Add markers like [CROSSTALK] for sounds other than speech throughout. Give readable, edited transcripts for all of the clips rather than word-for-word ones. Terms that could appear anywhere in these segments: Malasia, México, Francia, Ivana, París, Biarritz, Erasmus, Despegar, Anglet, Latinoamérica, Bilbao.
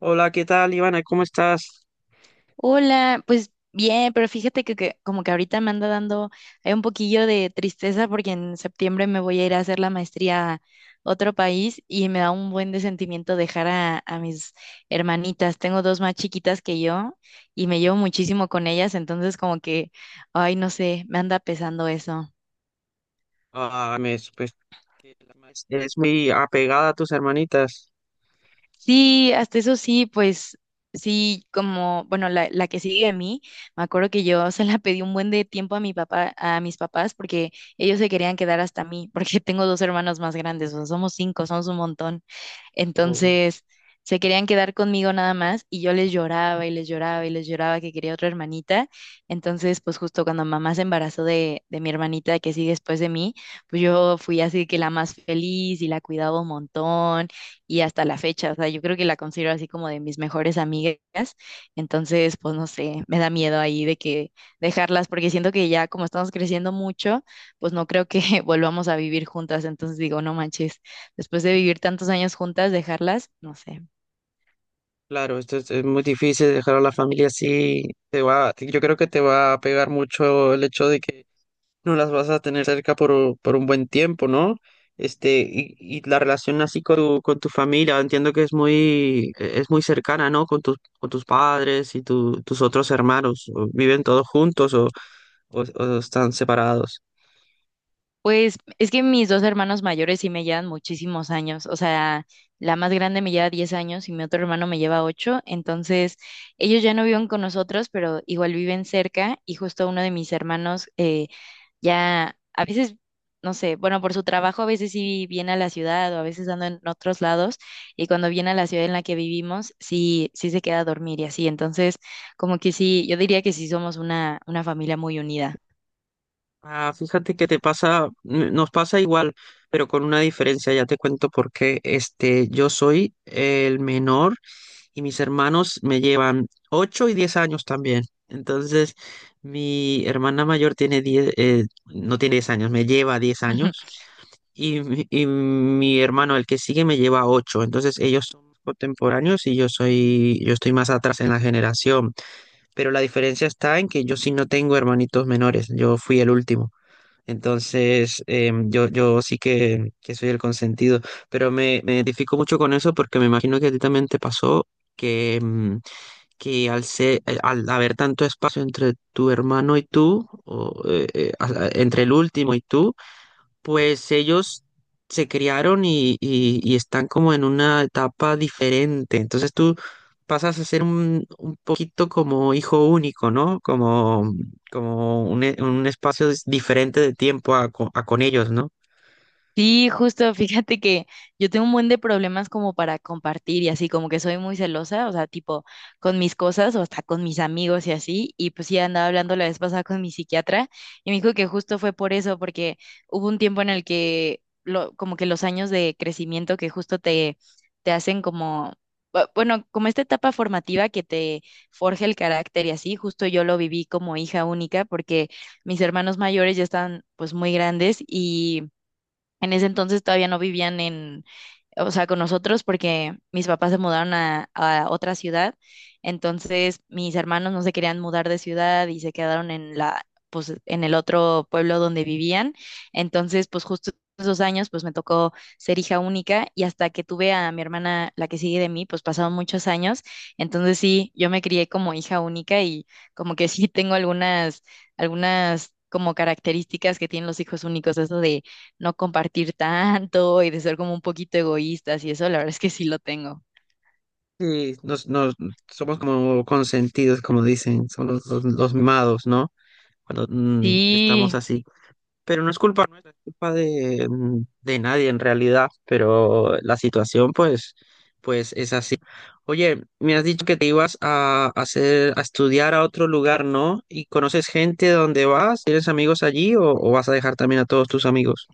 Hola, ¿qué tal, Ivana? ¿Cómo estás? Hola, pues bien, pero fíjate que como que ahorita me anda dando hay un poquillo de tristeza porque en septiembre me voy a ir a hacer la maestría a otro país y me da un buen de sentimiento dejar a mis hermanitas. Tengo dos más chiquitas que yo y me llevo muchísimo con ellas, entonces como que, ay, no sé, me anda pesando eso. Ah, me supe que la maestra es muy apegada a tus hermanitas. Sí, hasta eso sí, pues sí, como, bueno, la que sigue a mí, me acuerdo que yo [LAUGHS] se la pedí un buen de tiempo a mis papás, porque ellos se querían quedar hasta mí, porque tengo dos hermanos más grandes, o sea, somos cinco, somos un montón. Oh, Entonces, se querían quedar conmigo nada más y yo les lloraba y les lloraba y les lloraba que quería otra hermanita. Entonces, pues justo cuando mamá se embarazó de mi hermanita que sigue después de mí, pues yo fui así que la más feliz y la cuidaba un montón y hasta la fecha, o sea, yo creo que la considero así como de mis mejores amigas, entonces, pues no sé, me da miedo ahí de que dejarlas, porque siento que ya como estamos creciendo mucho, pues no creo que [LAUGHS] volvamos a vivir juntas, entonces digo, no manches, después de vivir tantos años juntas, dejarlas, no sé. claro, esto es muy difícil dejar a la familia así. Te va, yo creo que te va a pegar mucho el hecho de que no las vas a tener cerca por un buen tiempo, ¿no? Y la relación así con tu familia, entiendo que es muy cercana, ¿no? Con tus padres y tus otros hermanos. ¿O ¿Viven todos juntos o o están separados? Pues es que mis dos hermanos mayores sí me llevan muchísimos años, o sea, la más grande me lleva 10 años y mi otro hermano me lleva 8, entonces ellos ya no viven con nosotros, pero igual viven cerca y justo uno de mis hermanos ya a veces, no sé, bueno, por su trabajo a veces sí viene a la ciudad o a veces ando en otros lados y cuando viene a la ciudad en la que vivimos, sí, sí se queda a dormir y así. Entonces, como que sí, yo diría que sí somos una familia muy unida. Ah, fíjate que te pasa, nos pasa igual, pero con una diferencia, ya te cuento por qué. Yo soy el menor y mis hermanos me llevan 8 y 10 años también. Entonces, mi hermana mayor tiene 10, no tiene 10 años, me lleva 10 años y, mi hermano, el que sigue, me lleva 8. Entonces, ellos son contemporáneos y yo estoy más atrás en la generación. Pero la diferencia está en que yo sí no tengo hermanitos menores, yo fui el último. Entonces, yo sí que soy el consentido, pero me identifico mucho con eso porque me imagino que a ti también te pasó que, em, que al haber tanto espacio entre tu hermano y tú, o entre el último y tú, pues ellos se criaron y están como en una etapa diferente. Entonces tú pasas a ser un poquito como hijo único, ¿no? Como un espacio diferente de tiempo a con ellos, ¿no? Sí, justo, fíjate que yo tengo un buen de problemas como para compartir y así, como que soy muy celosa, o sea, tipo con mis cosas o hasta con mis amigos y así, y pues sí andaba hablando la vez pasada con mi psiquiatra y me dijo que justo fue por eso, porque hubo un tiempo en el que lo, como que los años de crecimiento que justo te hacen como, bueno, como esta etapa formativa que te forja el carácter y así, justo yo lo viví como hija única porque mis hermanos mayores ya están pues muy grandes y en ese entonces todavía no vivían en, o sea, con nosotros porque mis papás se mudaron a otra ciudad. Entonces mis hermanos no se querían mudar de ciudad y se quedaron en la, pues, en el otro pueblo donde vivían. Entonces, pues justo esos años, pues me tocó ser hija única y hasta que tuve a mi hermana, la que sigue de mí, pues pasaron muchos años. Entonces sí, yo me crié como hija única y como que sí tengo algunas, algunas como características que tienen los hijos únicos, eso de no compartir tanto y de ser como un poquito egoístas y eso, la verdad es que sí lo tengo. Sí, somos como consentidos, como dicen, son los mimados, ¿no? Cuando estamos Sí, así. Pero no es culpa nuestra, es culpa de nadie en realidad, pero la situación pues es así. Oye, me has dicho que te ibas a hacer, a estudiar a otro lugar, ¿no? ¿Y conoces gente donde vas? ¿Tienes amigos allí o vas a dejar también a todos tus amigos?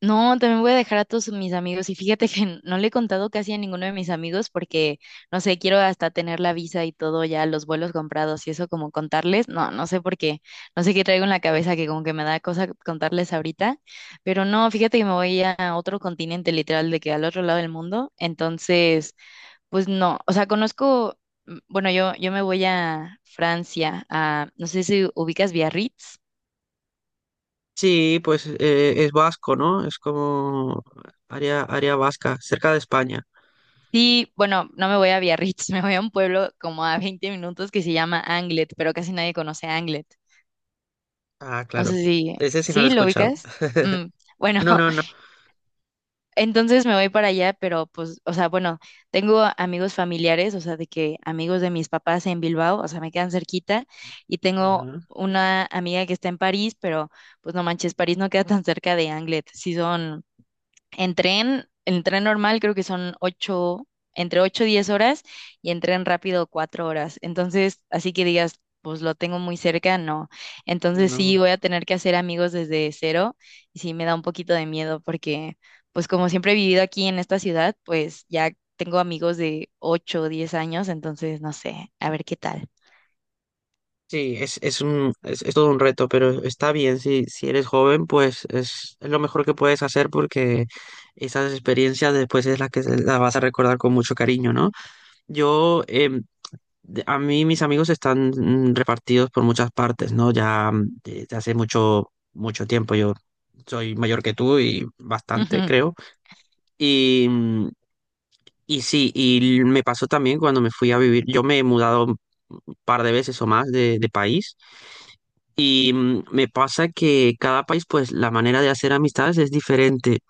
no, también voy a dejar a todos mis amigos y fíjate que no le he contado casi a ninguno de mis amigos porque, no sé, quiero hasta tener la visa y todo ya, los vuelos comprados y eso como contarles, no, no sé por qué, no sé qué traigo en la cabeza que como que me da cosa contarles ahorita, pero no, fíjate que me voy a otro continente literal de que al otro lado del mundo, entonces... Pues no, o sea, conozco, bueno, yo me voy a Francia, no sé si ubicas Biarritz. Sí, pues es vasco, ¿no? Es como área vasca, cerca de España. Sí, bueno, no me voy a Biarritz, [LAUGHS] me voy a un pueblo como a 20 minutos que se llama Anglet, pero casi nadie conoce Anglet. Ah, No sé claro. si, Ese sí no lo he ¿sí lo escuchado. ubicas? Mm, bueno, No, no, no. entonces me voy para allá, pero pues, o sea, bueno, tengo amigos familiares, o sea, de que amigos de mis papás en Bilbao, o sea, me quedan cerquita y tengo Ajá. una amiga que está en París, pero pues no manches, París no queda tan cerca de Anglet, sí son en tren normal creo que son ocho, entre ocho y 10 horas y en tren rápido 4 horas. Entonces, así que digas, pues lo tengo muy cerca, no. Entonces sí No. voy a tener que hacer amigos desde cero y sí me da un poquito de miedo porque, pues como siempre he vivido aquí en esta ciudad, pues ya tengo amigos de ocho o 10 años, entonces no sé, a ver qué tal. Sí, es todo un reto, pero está bien, si eres joven, pues es lo mejor que puedes hacer porque esas experiencias después es las que las vas a recordar con mucho cariño, ¿no? Yo, em, a mí mis amigos están repartidos por muchas partes, ¿no? Ya desde hace mucho, mucho tiempo yo soy mayor que tú y [LAUGHS] bastante, Ujú. creo. Y, mm, y sí, y me pasó también cuando me fui a vivir, yo me he mudado un par de veces o más de país y me pasa que cada país, pues la manera de hacer amistades es diferente.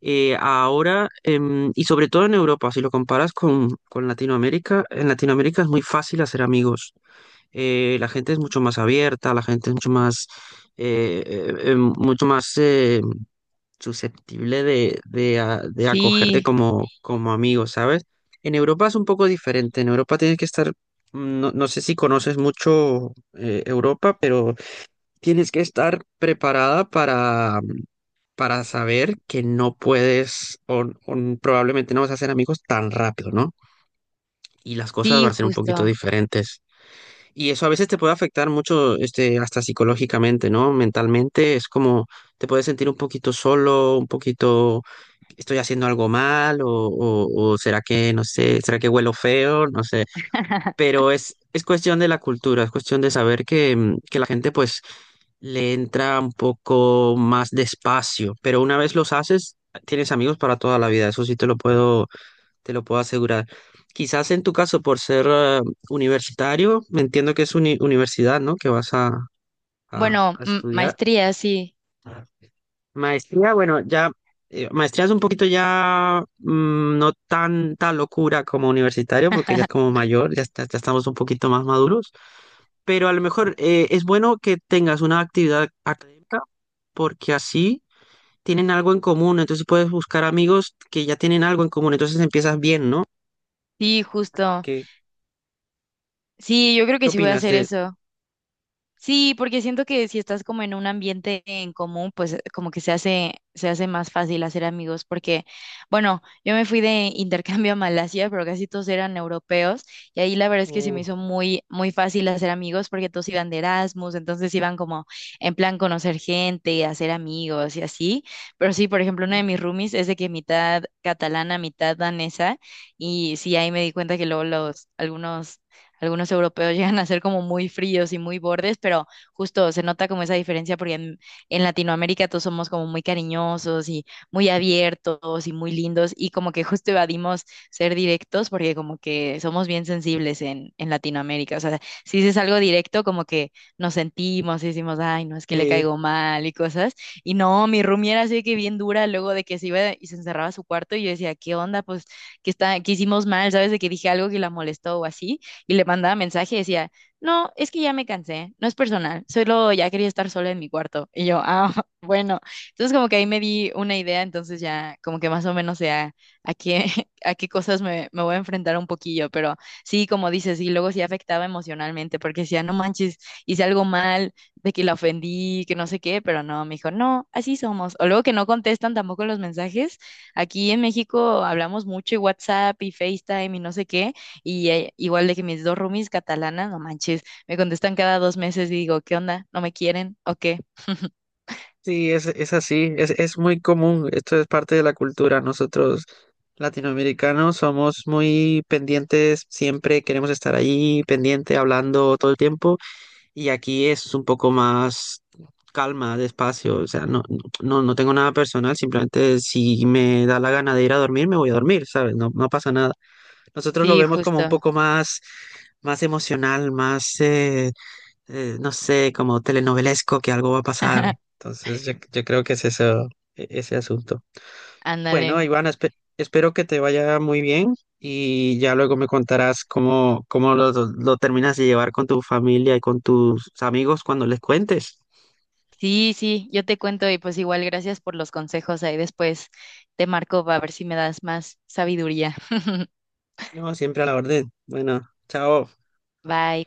Ahora, y sobre todo en Europa, si lo comparas con Latinoamérica, en Latinoamérica es muy fácil hacer amigos. La gente es mucho más abierta, la gente es mucho más, mucho más susceptible de acogerte Sí, como amigo, ¿sabes? En Europa es un poco diferente. En Europa tienes que estar, no sé si conoces mucho Europa, pero tienes que estar preparada para saber que no puedes o probablemente no vas a ser amigos tan rápido, ¿no? Y las cosas sí, van a ser un poquito justo. diferentes. Y eso a veces te puede afectar mucho, hasta psicológicamente, ¿no? Mentalmente es como te puedes sentir un poquito solo, un poquito, estoy haciendo algo mal, o será que, no sé, será que huelo feo, no sé. [LAUGHS] Pero es cuestión de la cultura, es cuestión de saber que la gente pues le entra un poco más despacio, pero una vez los haces, tienes amigos para toda la vida, eso sí te lo puedo asegurar. Quizás en tu caso, por ser universitario, me entiendo que es universidad, ¿no? Que vas a, a- Bueno, a mm, estudiar. maestría, sí. Maestría, bueno, ya, maestría es un poquito ya no tanta locura como universitario, porque ya es [LAUGHS] como mayor, ya estamos un poquito más maduros, pero a lo mejor es bueno que tengas una actividad académica, porque así tienen algo en común, entonces puedes buscar amigos que ya tienen algo en común, entonces empiezas bien, ¿no? Sí, justo. ¿Qué, Sí, yo creo qué que sí voy a opinas hacer de. eso. Sí, porque siento que si estás como en un ambiente en común, pues como que se hace más fácil hacer amigos, porque, bueno, yo me fui de intercambio a Malasia, pero casi todos eran europeos, y ahí la verdad es que se Ujú. me hizo muy, muy fácil hacer amigos, porque todos iban de Erasmus, entonces iban como en plan conocer gente, hacer amigos y así. Pero sí, por ejemplo, una de mis roomies es de que mitad catalana, mitad danesa, y sí, ahí me di cuenta que luego algunos europeos [LAUGHS] llegan a ser como muy fríos y muy bordes, pero justo se nota como esa diferencia porque en Latinoamérica todos somos como muy cariñosos y muy abiertos y muy lindos y como que justo evadimos ser directos porque como que somos bien sensibles en Latinoamérica. O sea, si dices algo directo como que nos sentimos y decimos, ay, no, es que le Sí, caigo mal y cosas. Y no, mi roomie era así de que bien dura luego de que se iba y se encerraba a su cuarto y yo decía, ¿qué onda? Pues que está, que hicimos mal, ¿sabes? De que dije algo que la molestó o así y le mandaba mensaje y decía, no, es que ya me cansé, no es personal, solo ya quería estar sola en mi cuarto. Y yo, ah, [LAUGHS] bueno. Entonces como que ahí me di una idea, entonces ya como que más o menos sé a qué, [LAUGHS] a qué cosas me voy a enfrentar un poquillo, pero sí, como dices, y luego sí afectaba emocionalmente, porque decía, no manches, hice algo mal, de que la ofendí, que no sé qué, pero no, me dijo, no, así somos. O luego que no contestan tampoco los mensajes. Aquí en México hablamos mucho y WhatsApp y FaceTime y no sé qué, y igual de que mis dos roomies catalanas, no manches, me contestan cada 2 meses y digo, ¿qué onda? ¿No me quieren o qué? sí, es así, es muy común, esto es parte de la cultura. Nosotros latinoamericanos somos muy pendientes, siempre queremos estar allí, pendiente, hablando todo el tiempo, y aquí es un poco más calma, despacio, o sea, no, no tengo nada personal, simplemente si me da la gana de ir a dormir, me voy a dormir, ¿sabes? No, no pasa nada. Nosotros lo Sí, vemos como un justo. poco más emocional, no sé, como telenovelesco, que algo va a pasar. [LAUGHS] Entonces, yo creo que es eso, ese asunto. Ándale. Bueno, Ivana, espero que te vaya muy bien y ya luego me contarás cómo lo terminas de llevar con tu familia y con tus amigos cuando les cuentes. Sí, sí, yo te cuento y pues igual gracias por los consejos. Ahí después te marco para ver si me das más sabiduría. [LAUGHS] No, siempre a la orden. Bueno, chao. Bye.